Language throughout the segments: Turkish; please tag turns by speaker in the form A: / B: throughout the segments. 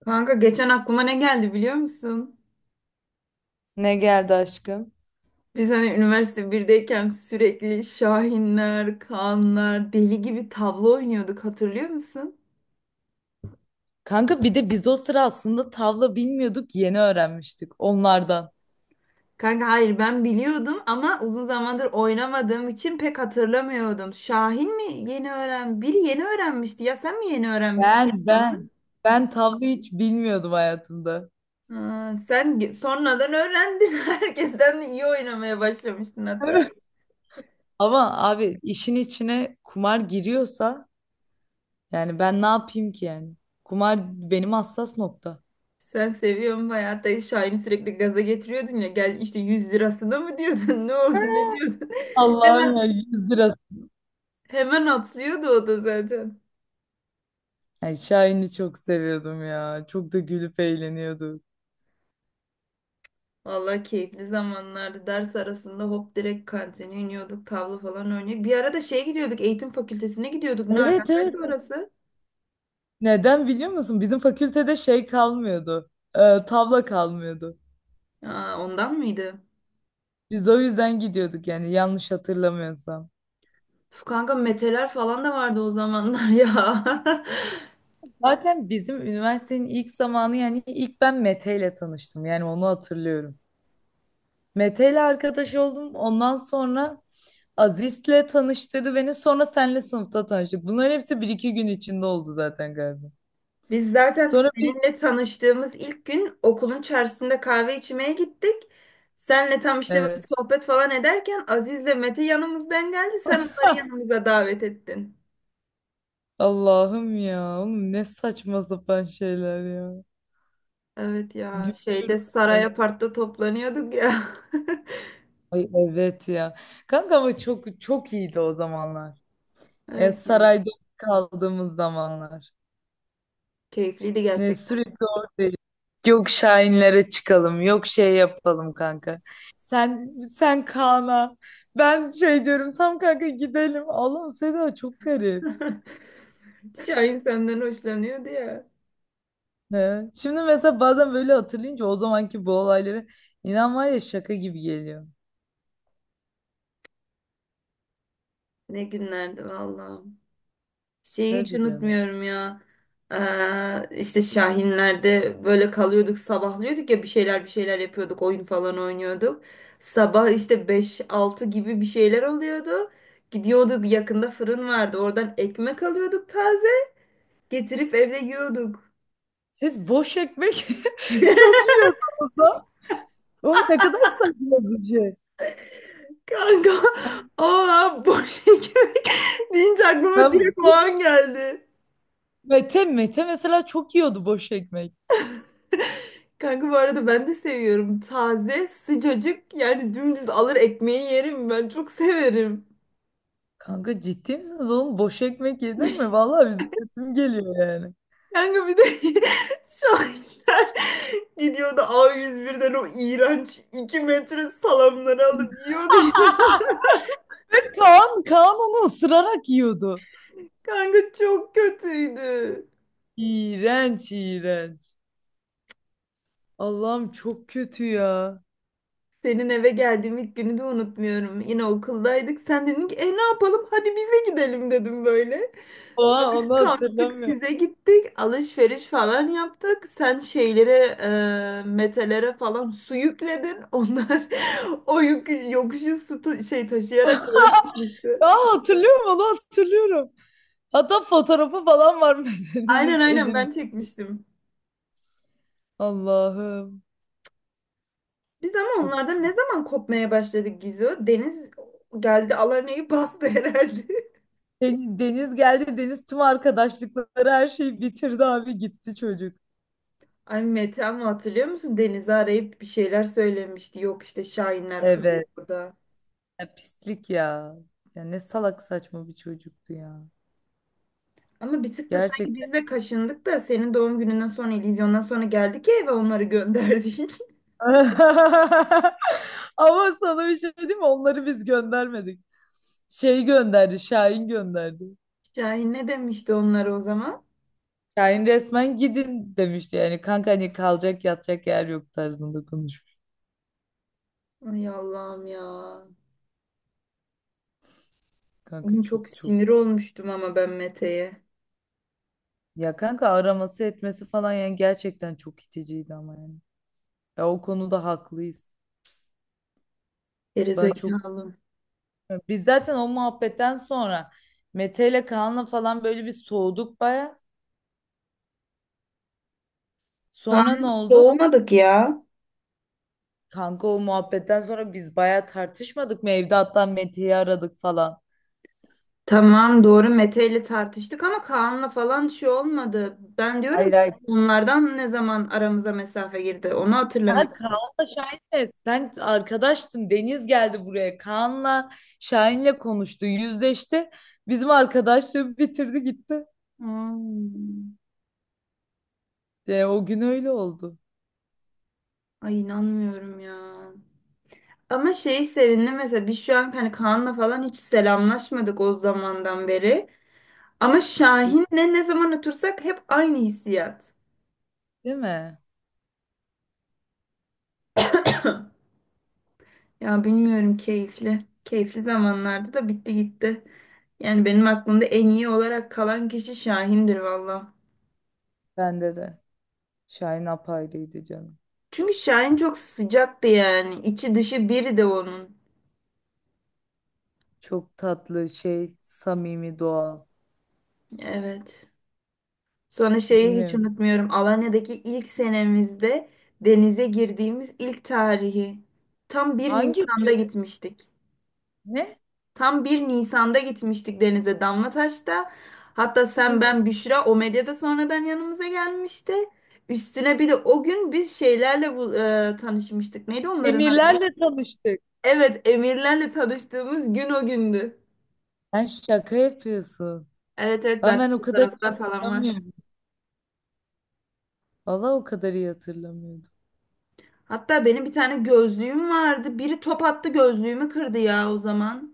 A: Kanka geçen aklıma ne geldi biliyor musun?
B: Ne geldi aşkım?
A: Biz hani üniversite birdeyken sürekli Şahinler, Kaanlar, deli gibi tavla oynuyorduk hatırlıyor musun?
B: Kanka bir de biz o sıra aslında tavla bilmiyorduk, yeni öğrenmiştik onlardan.
A: Kanka hayır ben biliyordum ama uzun zamandır oynamadığım için pek hatırlamıyordum. Şahin mi yeni öğren? Biri yeni öğrenmişti ya sen mi yeni öğrenmiştin?
B: Ben
A: Bana?
B: ben ben tavla hiç bilmiyordum hayatımda.
A: Ha, sonradan öğrendin. Herkesten de iyi oynamaya başlamıştın hatta.
B: Evet. Ama abi işin içine kumar giriyorsa yani ben ne yapayım ki yani? Kumar benim hassas nokta.
A: Sen seviyorsun bayağı. Hatta Şahin'i sürekli gaza getiriyordun ya. Gel işte 100 lirasına mı diyordun? Ne oldu? Ne diyordun?
B: Allah'ım ya
A: Hemen
B: 100 lira.
A: hemen atlıyordu o da zaten.
B: Yani Şahin'i çok seviyordum ya. Çok da gülüp eğleniyorduk.
A: Vallahi keyifli zamanlardı. Ders arasında hop direkt kantine iniyorduk. Tavla falan oynuyorduk. Bir ara da şeye gidiyorduk. Eğitim fakültesine gidiyorduk. Ne
B: Evet,
A: alakası
B: evet.
A: orası?
B: Neden biliyor musun? Bizim fakültede şey kalmıyordu. Tavla kalmıyordu.
A: Aa, ondan mıydı?
B: Biz o yüzden gidiyorduk yani yanlış hatırlamıyorsam.
A: Uf, kanka meteler falan da vardı o zamanlar ya.
B: Zaten bizim üniversitenin ilk zamanı yani ilk ben Mete ile tanıştım. Yani onu hatırlıyorum. Mete ile arkadaş oldum. Ondan sonra Aziz'le tanıştırdı beni. Sonra senle sınıfta tanıştık. Bunlar hepsi bir iki gün içinde oldu zaten galiba.
A: Biz zaten
B: Sonra bir...
A: seninle tanıştığımız ilk gün okulun çarşısında kahve içmeye gittik. Senle tam işte böyle
B: Evet.
A: sohbet falan ederken Aziz'le Mete yanımızdan geldi. Sen onları yanımıza davet ettin.
B: Allah'ım ya. Oğlum ne saçma sapan şeyler ya.
A: Evet ya şeyde
B: Gülüyorum
A: Saray
B: ben.
A: Apart'ta toplanıyorduk ya.
B: Ay, evet ya. Kanka ama çok çok iyiydi o zamanlar. Yani
A: Evet ya
B: sarayda kaldığımız zamanlar.
A: keyifliydi
B: Ne
A: gerçekten.
B: sürekli oradayız. Yok Şahinlere çıkalım, yok şey yapalım kanka. Sen Kaan'a. Ben şey diyorum tam kanka gidelim. Allah'ım Seda çok garip.
A: Şahin senden hoşlanıyordu ya.
B: Ne? Şimdi mesela bazen böyle hatırlayınca o zamanki bu olayları inan var ya şaka gibi geliyor.
A: Ne günlerdi vallahi. Şeyi hiç
B: Tabii canım.
A: unutmuyorum ya. İşte Şahinler'de böyle kalıyorduk, sabahlıyorduk ya bir şeyler bir şeyler yapıyorduk, oyun falan oynuyorduk. Sabah işte beş altı gibi bir şeyler oluyordu. Gidiyorduk yakında fırın vardı. Oradan ekmek alıyorduk taze. Getirip evde yiyorduk.
B: Siz boş ekmek çok yiyordunuz da. Oğlum ne kadar saçma bir şey.
A: Kanka, aa boş ekmek deyince aklıma
B: Ben
A: direkt o an geldi.
B: Mete mesela çok yiyordu boş ekmek.
A: Kanka bu arada ben de seviyorum. Taze, sıcacık yani dümdüz alır ekmeği yerim ben. Çok severim.
B: Kanka ciddi misiniz oğlum? Boş ekmek yedin mi? Vallahi üzülesim geliyor yani.
A: Kanka bir de şahinler gidiyordu A101'den o iğrenç 2 metre salamları alıp yiyordu ya.
B: Ve Kaan onu ısırarak yiyordu.
A: Kanka çok kötüydü.
B: İğrenç, iğrenç. Allah'ım çok kötü ya.
A: Senin eve geldiğim ilk günü de unutmuyorum. Yine okuldaydık. Sen dedin ki e ne yapalım? Hadi bize gidelim dedim böyle. Sonra
B: Oha, onu
A: kalktık
B: hatırlamıyorum.
A: size gittik. Alışveriş falan yaptık. Sen şeylere, metelere falan su yükledin. Onlar o yük, yokuşu su tu- şey taşıyarak falan çıkmıştı.
B: Aa, hatırlıyorum, onu hatırlıyorum. Hatta fotoğrafı falan var,
A: Aynen
B: Meden'in
A: aynen ben
B: elin.
A: çekmiştim.
B: Allah'ım,
A: Biz ama
B: çok
A: onlardan ne
B: çok.
A: zaman kopmaya başladık Gizo? Deniz geldi Alarne'yi bastı herhalde.
B: Deniz geldi. Deniz tüm arkadaşlıkları her şeyi bitirdi, abi gitti çocuk.
A: Ay Mete ama hatırlıyor musun? Deniz'i arayıp bir şeyler söylemişti. Yok işte Şahinler kalıyor
B: Evet.
A: burada.
B: Ya pislik ya. Ya ne salak saçma bir çocuktu ya.
A: Ama bir tık da sanki
B: Gerçekten.
A: biz de kaşındık da senin doğum gününden sonra, illüzyondan sonra geldik ya eve onları gönderdik.
B: Ama sana bir şey diyeyim mi? Onları biz göndermedik. Şey gönderdi, Şahin gönderdi.
A: Şahin ne demişti onlara o zaman?
B: Şahin resmen gidin demişti yani. Kanka hani kalacak yatacak yer yok tarzında konuşmuş.
A: Ay Allah'ım ya. Oğlum
B: Kanka
A: çok
B: çok çok.
A: sinir olmuştum ama ben Mete'ye.
B: Ya kanka araması etmesi falan yani gerçekten çok iticiydi ama yani. Ya o konuda haklıyız. Ben çok
A: Gerizekalı.
B: Biz zaten o muhabbetten sonra Mete ile Kaan'la falan böyle bir soğuduk baya. Sonra
A: Kanlı
B: ne oldu?
A: doğmadık ya.
B: Kanka o muhabbetten sonra biz baya tartışmadık mı? Evde hatta Mete'yi aradık falan.
A: Tamam doğru Mete ile tartıştık ama Kaan'la falan şey olmadı. Ben diyorum
B: Hayır,
A: ki,
B: hayır.
A: bunlardan ne zaman aramıza mesafe girdi onu
B: Ha,
A: hatırlamıyorum.
B: Kaan'la Şahin'le sen arkadaştın. Deniz geldi buraya. Kaan'la Şahin'le konuştu. Yüzleşti. Bizim arkadaşlığı bitirdi gitti.
A: Hmm.
B: O gün öyle oldu.
A: Ay inanmıyorum ya. Ama şey sevindim mesela biz şu an hani Kaan'la falan hiç selamlaşmadık o zamandan beri. Ama Şahin'le ne zaman otursak hep aynı hissiyat.
B: Değil mi?
A: Ya bilmiyorum keyifli. Keyifli zamanlarda da bitti gitti. Yani benim aklımda en iyi olarak kalan kişi Şahin'dir valla.
B: Bende de. Şahin apayrıydı canım.
A: Çünkü Şahin çok sıcaktı yani. İçi dışı biri de onun.
B: Çok tatlı şey, samimi, doğal.
A: Evet. Sonra şeyi hiç
B: Bilmiyorum.
A: unutmuyorum. Alanya'daki ilk senemizde denize girdiğimiz ilk tarihi. Tam bir
B: Hangi
A: Nisan'da
B: gün?
A: gitmiştik.
B: Ne?
A: Tam bir Nisan'da gitmiştik denize Damlataş'ta. Hatta sen,
B: Kim, kim?
A: ben, Büşra o medyada sonradan yanımıza gelmişti. Üstüne bir de o gün biz şeylerle tanışmıştık. Neydi onların adı?
B: Emirlerle tanıştık.
A: Evet, emirlerle tanıştığımız gün o gündü.
B: Sen şaka yapıyorsun.
A: Evet evet
B: Lan
A: bende
B: ben o kadar iyi
A: fotoğraflar falan var.
B: hatırlamıyorum. Valla o kadar iyi hatırlamıyordum.
A: Hatta benim bir tane gözlüğüm vardı. Biri top attı gözlüğümü kırdı ya o zaman.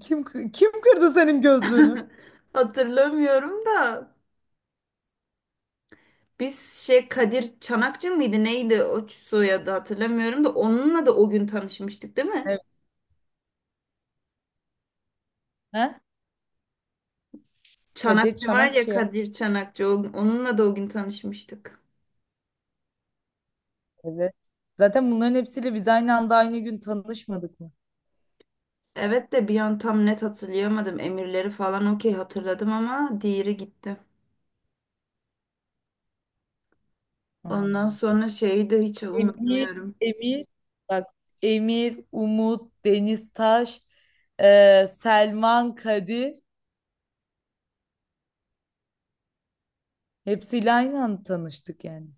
B: Kim kırdı senin gözlüğünü?
A: Hatırlamıyorum da. Biz şey Kadir Çanakçı mıydı neydi o soyadı hatırlamıyorum da onunla da o gün tanışmıştık değil mi?
B: Evet. Ha? Kadir
A: Çanakçı var ya
B: Çanakçı ya.
A: Kadir Çanakçı onunla da o gün tanışmıştık.
B: Evet. Zaten bunların hepsiyle biz aynı anda aynı gün tanışmadık mı?
A: Evet de bir an tam net hatırlayamadım. Emirleri falan okey hatırladım ama diğeri gitti. Ondan
B: Anladım.
A: sonra şeyi de hiç
B: Emir,
A: unutmuyorum.
B: Emir, Bak, Emir, Umut, Deniz Taş, Selman, Kadir, hepsiyle aynı anda tanıştık yani.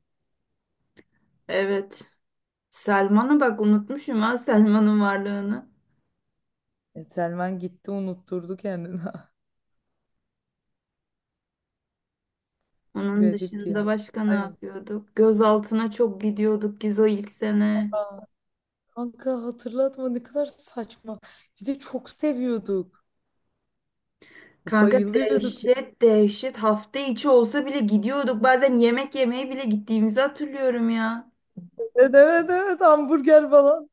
A: Evet. Selma'nı bak unutmuşum ha Selman'ın varlığını.
B: Selman gitti unutturdu kendini.
A: Onun
B: Garip
A: dışında
B: ya.
A: başka ne
B: Ay,
A: yapıyorduk? Gözaltına çok gidiyorduk Gizo ilk sene.
B: kanka hatırlatma, ne kadar saçma. Biz de çok seviyorduk.
A: Kanka
B: Bayılıyorduk.
A: dehşet dehşet hafta içi olsa bile gidiyorduk. Bazen yemek yemeye bile gittiğimizi hatırlıyorum ya.
B: Evet, evet, evet, hamburger falan.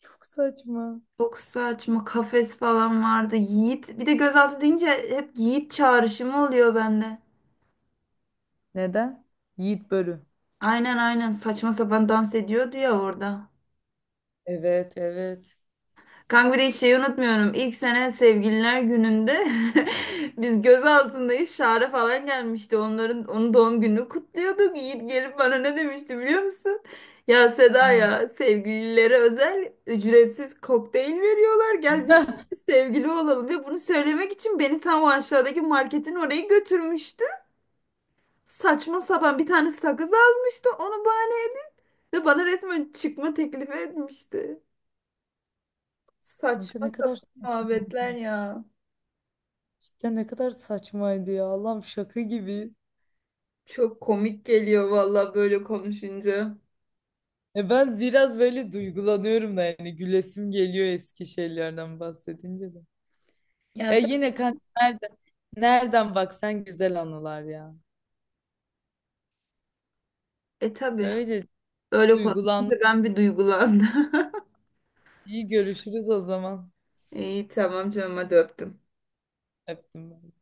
B: Çok saçma.
A: Çok saçma kafes falan vardı. Yiğit bir de gözaltı deyince hep Yiğit çağrışımı oluyor bende.
B: Neden? Yiğit Börü.
A: Aynen aynen saçma sapan dans ediyordu ya orada.
B: Evet, evet.
A: Kanka bir de hiç şeyi unutmuyorum. İlk sene sevgililer gününde biz göz altındayız. Şare falan gelmişti. Onların onun doğum gününü kutluyorduk. Yiğit gelip bana ne demişti biliyor musun? Ya Seda
B: Hmm.
A: ya sevgililere özel ücretsiz kokteyl veriyorlar. Gel biz sevgili olalım. Ve bunu söylemek için beni tam o aşağıdaki marketin oraya götürmüştü. Saçma sapan bir tane sakız almıştı. Onu bahane edip ve bana resmen çıkma teklifi etmişti.
B: Kanka
A: Saçma
B: ne kadar
A: sapan
B: saçma.
A: muhabbetler ya.
B: Cidden ne kadar saçmaydı ya. Allah'ım şaka gibi.
A: Çok komik geliyor valla böyle konuşunca.
B: E ben biraz böyle duygulanıyorum da yani gülesim geliyor eski şeylerden bahsedince de.
A: Ya
B: E
A: tabii,
B: yine kanka, nereden, nereden baksan güzel anılar ya.
A: tabii.
B: Öyle
A: Böyle
B: duygulandım.
A: konuşunca ben bir duygulandım.
B: İyi görüşürüz o zaman.
A: İyi tamam canım hadi öptüm.
B: Öptüm ben.